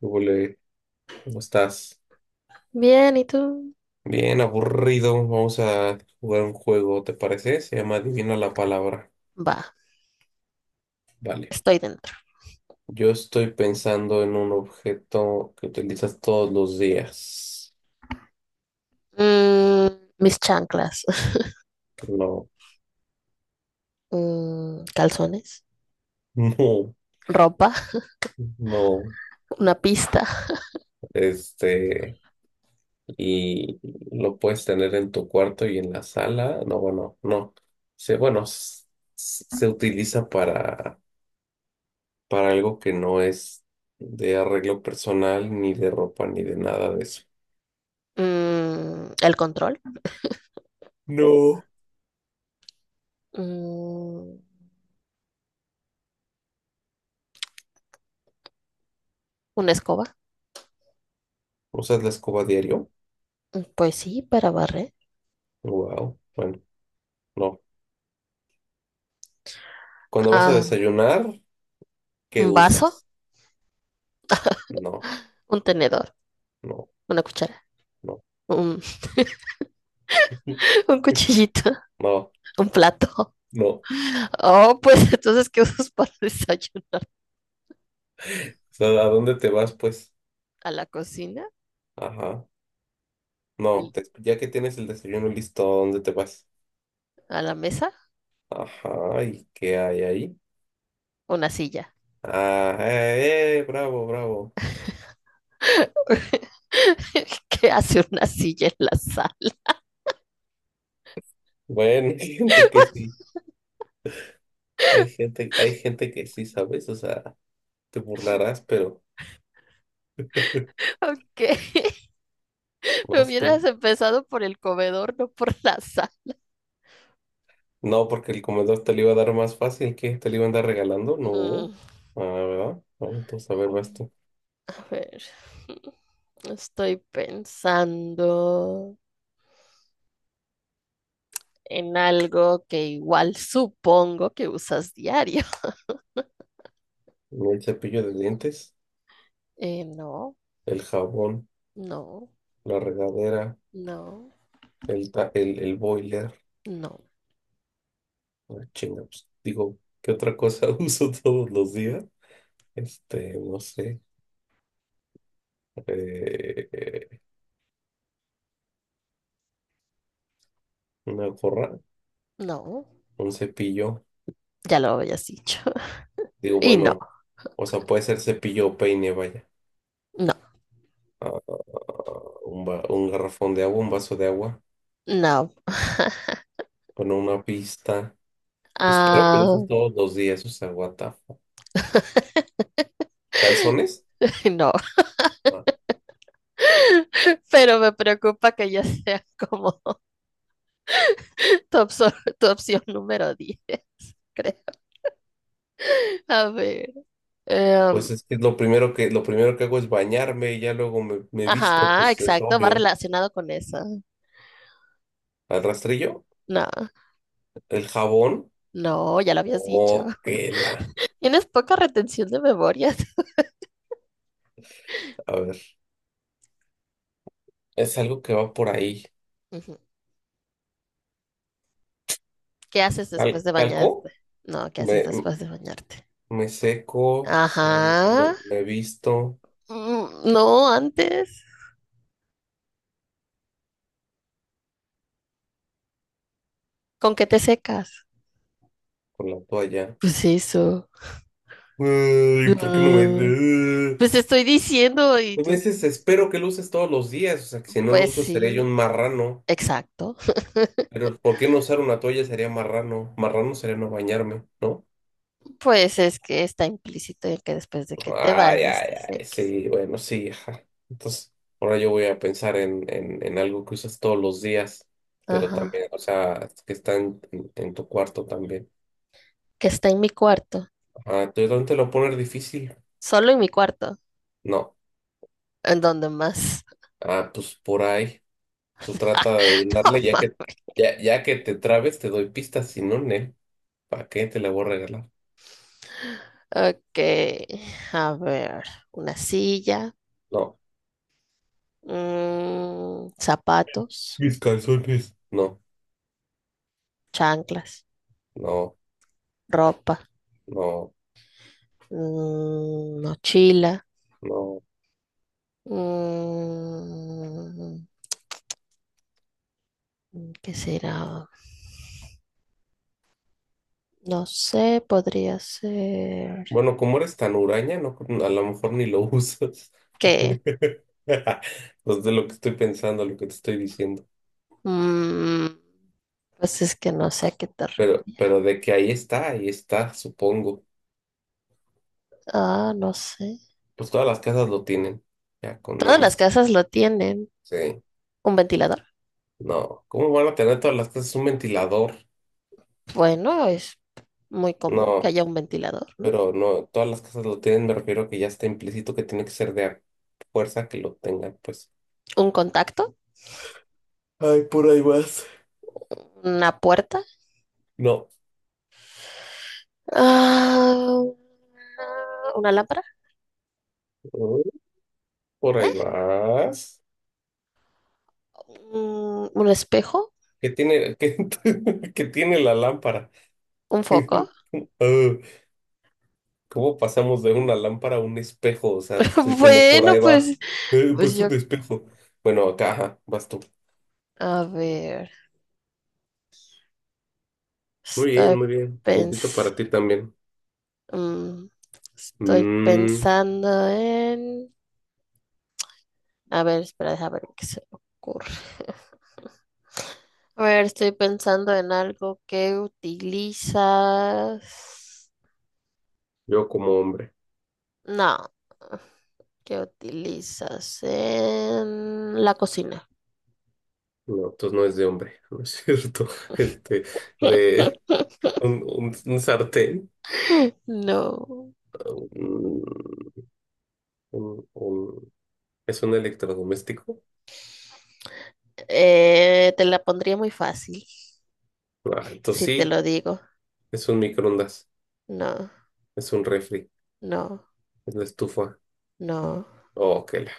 Hola, ¿cómo estás? Bien, ¿y tú? Bien, aburrido. Vamos a jugar un juego, ¿te parece? Se llama Adivina la palabra. Va, Vale. estoy dentro. Yo estoy pensando en un objeto que utilizas todos los días. Mis chanclas, No, calzones, no, ropa, no. una pista. Este, y lo puedes tener en tu cuarto y en la sala. No, bueno, no. Se, bueno, s- s- se utiliza para algo que no es de arreglo personal, ni de ropa, ni de nada de eso. El control. No. Mm, una escoba. ¿Usas la escoba diario? Pues sí, para barrer. Wow. Bueno, no. Cuando vas a Ah, desayunar, ¿qué un vaso, usas? No, un tenedor, no, una cuchara. no. Un, un cuchillito, No, un plato. no. O Oh, pues entonces, ¿qué usas para desayunar? sea, ¿a dónde te vas, pues? ¿A la cocina? Ajá. No, ¿Y ya que tienes el desayuno listo, ¿a dónde te vas? ¿A la mesa? Ajá, ¿y qué hay ahí? Una silla. Ah, bravo, bravo. ¿Qué hace una silla en la sala? Bueno, hay gente que sí. Hay gente que sí, ¿sabes? O sea, te burlarás, pero Ok, me vas tú. hubieras empezado por el comedor, no por la sala. No, porque el comedor te lo iba a dar más fácil que te lo iba a andar regalando. No. Mm. Ah, ¿verdad? No, entonces, a ver, va esto. A ver, estoy pensando en algo que igual supongo que usas diario. El cepillo de dientes, no, el jabón, no, la regadera, no, el boiler. no, Ah, chinga, pues, digo, ¿qué otra cosa uso todos los días? Este, no sé. eh, una gorra, no. un cepillo. Ya lo habías dicho. Digo, Y no, bueno, o sea, puede ser cepillo o peine, vaya. no, Ah, un garrafón de agua, un vaso de agua. no. Bueno, una pista. Espero que lo Ah, uses todos los días, o sea, what the fuck. ¿Calzones? no. Ah, Pero me preocupa que ya sea como tu, opso- tu opción número 10, creo. A ver. em, pues es que lo primero que hago es bañarme y ya luego me visto, ajá, pues es exacto, va obvio. relacionado con eso. ¿Al rastrillo? No, ¿El jabón? no, ya lo habías dicho. Oh, que la. Tienes poca retención de memorias. A ver, es algo que va por ahí. Ujú. ¿Qué haces después de ¿Talco? bañarte? No, ¿qué haces Me, después de bañarte? Me seco, Ajá. me visto no, antes. ¿Con qué te secas? con la toalla. Pues eso. Ay, ¿por qué no me... Ah, No pues te estoy diciendo y me tú. dices, espero que lo uses todos los días, o sea, que si no lo Pues uso seré yo un sí, marrano. exacto. Pero ¿por qué no usar una toalla sería marrano? Marrano sería no bañarme, ¿no? Pues es que está implícito en que después de que te Ay, bañes ay, te ay, seques. sí, bueno, sí, ajá. Entonces, ahora yo voy a pensar en algo que usas todos los días, pero Ajá. también, o sea, que está en tu cuarto también. Que está en mi cuarto. Ah, ¿tú dónde te lo poner difícil? Solo en mi cuarto. No. ¿En dónde más? Ah, pues por ahí. Tú trata de No adivinarle, ya más. que, ya que te trabes, te doy pistas, si no, ne, ¿para qué te la voy a regalar? Ok, a ver, una silla, No. Zapatos, Mis calzones. No, chanclas, no, ropa, no, mochila, no. mm, ¿qué será? No sé, podría ser Bueno, como eres tan huraña, no, a lo mejor ni lo usas. que, Pues de lo que estoy pensando, lo que te estoy diciendo. mm, pues es que no sé a qué te Pero, refieres. pero de que ahí está, supongo. Ah, no sé. Pues todas las casas lo tienen. Ya, con nada Todas las más. casas lo tienen. Sí. ¿Un ventilador? No. ¿Cómo van a tener todas las casas un ventilador? Bueno, es muy común que No, haya un ventilador, ¿no? pero no, todas las casas lo tienen, me refiero a que ya está implícito que tiene que ser de a fuerza que lo tengan, pues. Un contacto, Ay, por ahí vas. una puerta, No. ah, una lámpara, Por ahí vas. Un espejo, que tiene, que, que tiene la lámpara. un foco. Ah, ¿cómo pasamos de una lámpara a un espejo? O sea, te estoy diciendo, por Bueno, ahí va. pues, pues Pues yo, un espejo. Bueno, acá, ajá, vas tú. a ver, Muy bien, estoy muy bien. Puntito pens- para ti también. mm, estoy Mm, pensando en, a ver, espera, déjame ver qué se me ocurre. A ver, estoy pensando en algo que utilizas. yo como hombre. No, que utilizas en la cocina. No, entonces no es de hombre, no es cierto. Este, de un sartén. No, un- un- un- ¿Es un electrodoméstico? Te la pondría muy fácil Ah, entonces si te sí, lo digo. es un microondas, No, es un refri. no, Es una estufa. no, Oh, que la.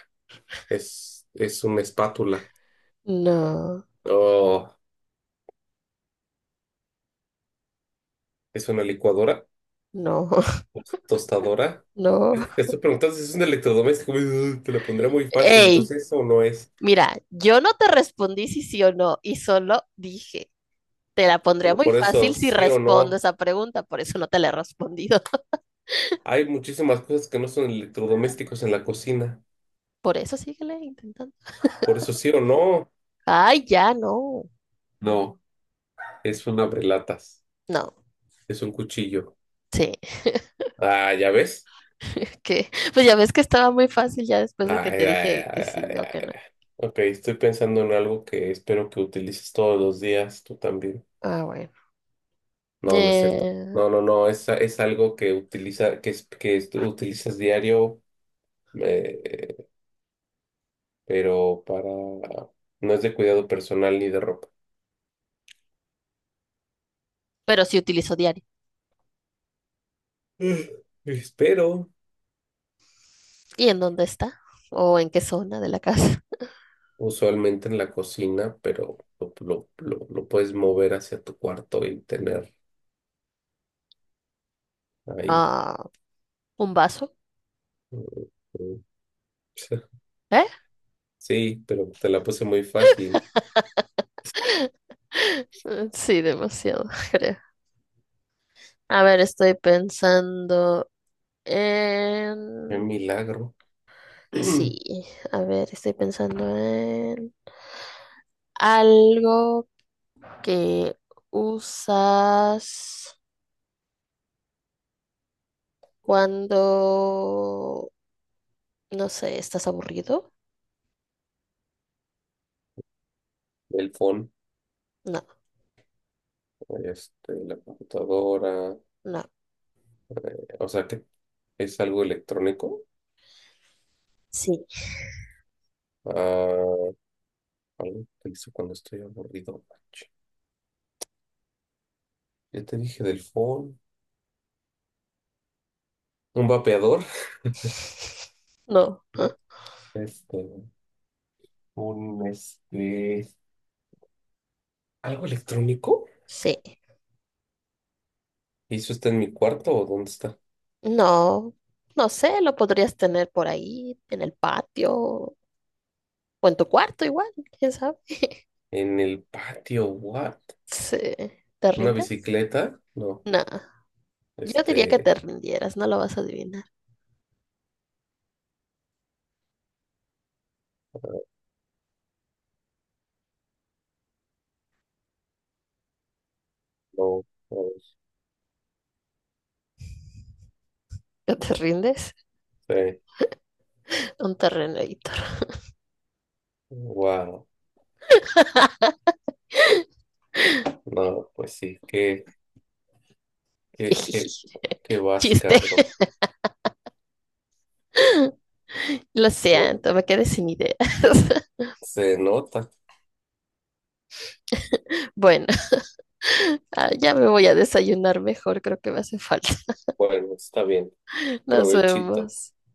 Es una espátula. no, Oh, es una licuadora. no, Pues, tostadora. no. Es que te estoy preguntando si es un electrodoméstico. Te lo pondré muy fácil. Ey, Entonces, eso o no es. mira, yo no te respondí si sí o no y solo dije, te la pondría Bueno, muy por eso, fácil si sí o respondo no. esa pregunta, por eso no te la he respondido. Hay muchísimas cosas que no son electrodomésticos en la cocina. Por eso síguele intentando. Por eso, sí o no. Ay, ya no, No, es un abrelatas. no, Es un cuchillo. sí. Ah, ¿ya ves? Que, pues ya ves que estaba muy fácil ya después de que te Ay, ay, dije que ay, sí ay, o que ay. no. Ok, estoy pensando en algo que espero que utilices todos los días, tú también. Ah, bueno. No, no es cierto. Eh, No, no, no, es algo que utiliza, que es- tú utilizas diario, eh, pero no es de cuidado personal ni de ropa. pero sí utilizo diario. Mm. Espero, ¿Y en dónde está? ¿O en qué zona de la casa? usualmente en la cocina, pero lo puedes mover hacia tu cuarto y tener ahí. Ah, ¿un vaso? Mm, mm. ¿Eh? Sí, pero te la puse muy fácil. Sí, demasiado, creo. A ver, estoy pensando Qué en... milagro. Sí, a ver, estoy pensando en algo que usas cuando, no sé, estás aburrido. El phone, No, este, la computadora. no, O sea que es algo electrónico. sí, Ah, algo que hizo cuando estoy aburrido. Ya te dije del phone. Un vapeador. no, ¿eh? ¿No? Este, un este. ¿Algo electrónico? Sí, ¿Y eso está en mi cuarto o dónde está? no, no sé, lo podrías tener por ahí, en el patio o en tu cuarto igual, quién sabe. En el patio, what? Sí, ¿te ¿Una rindes? bicicleta? No. No, yo diría que te Este. rindieras, no lo vas a adivinar. No, no ¿No te rindes? sé. Un terreno editor. Wow. No, pues sí. Qué, qué, qué vas, Chiste, cabrón. lo No, siento, me quedé sin ideas. se nota. Bueno, ah, ya me voy a desayunar mejor, creo que me hace falta. Bueno, está bien. Nos Provechito. vemos.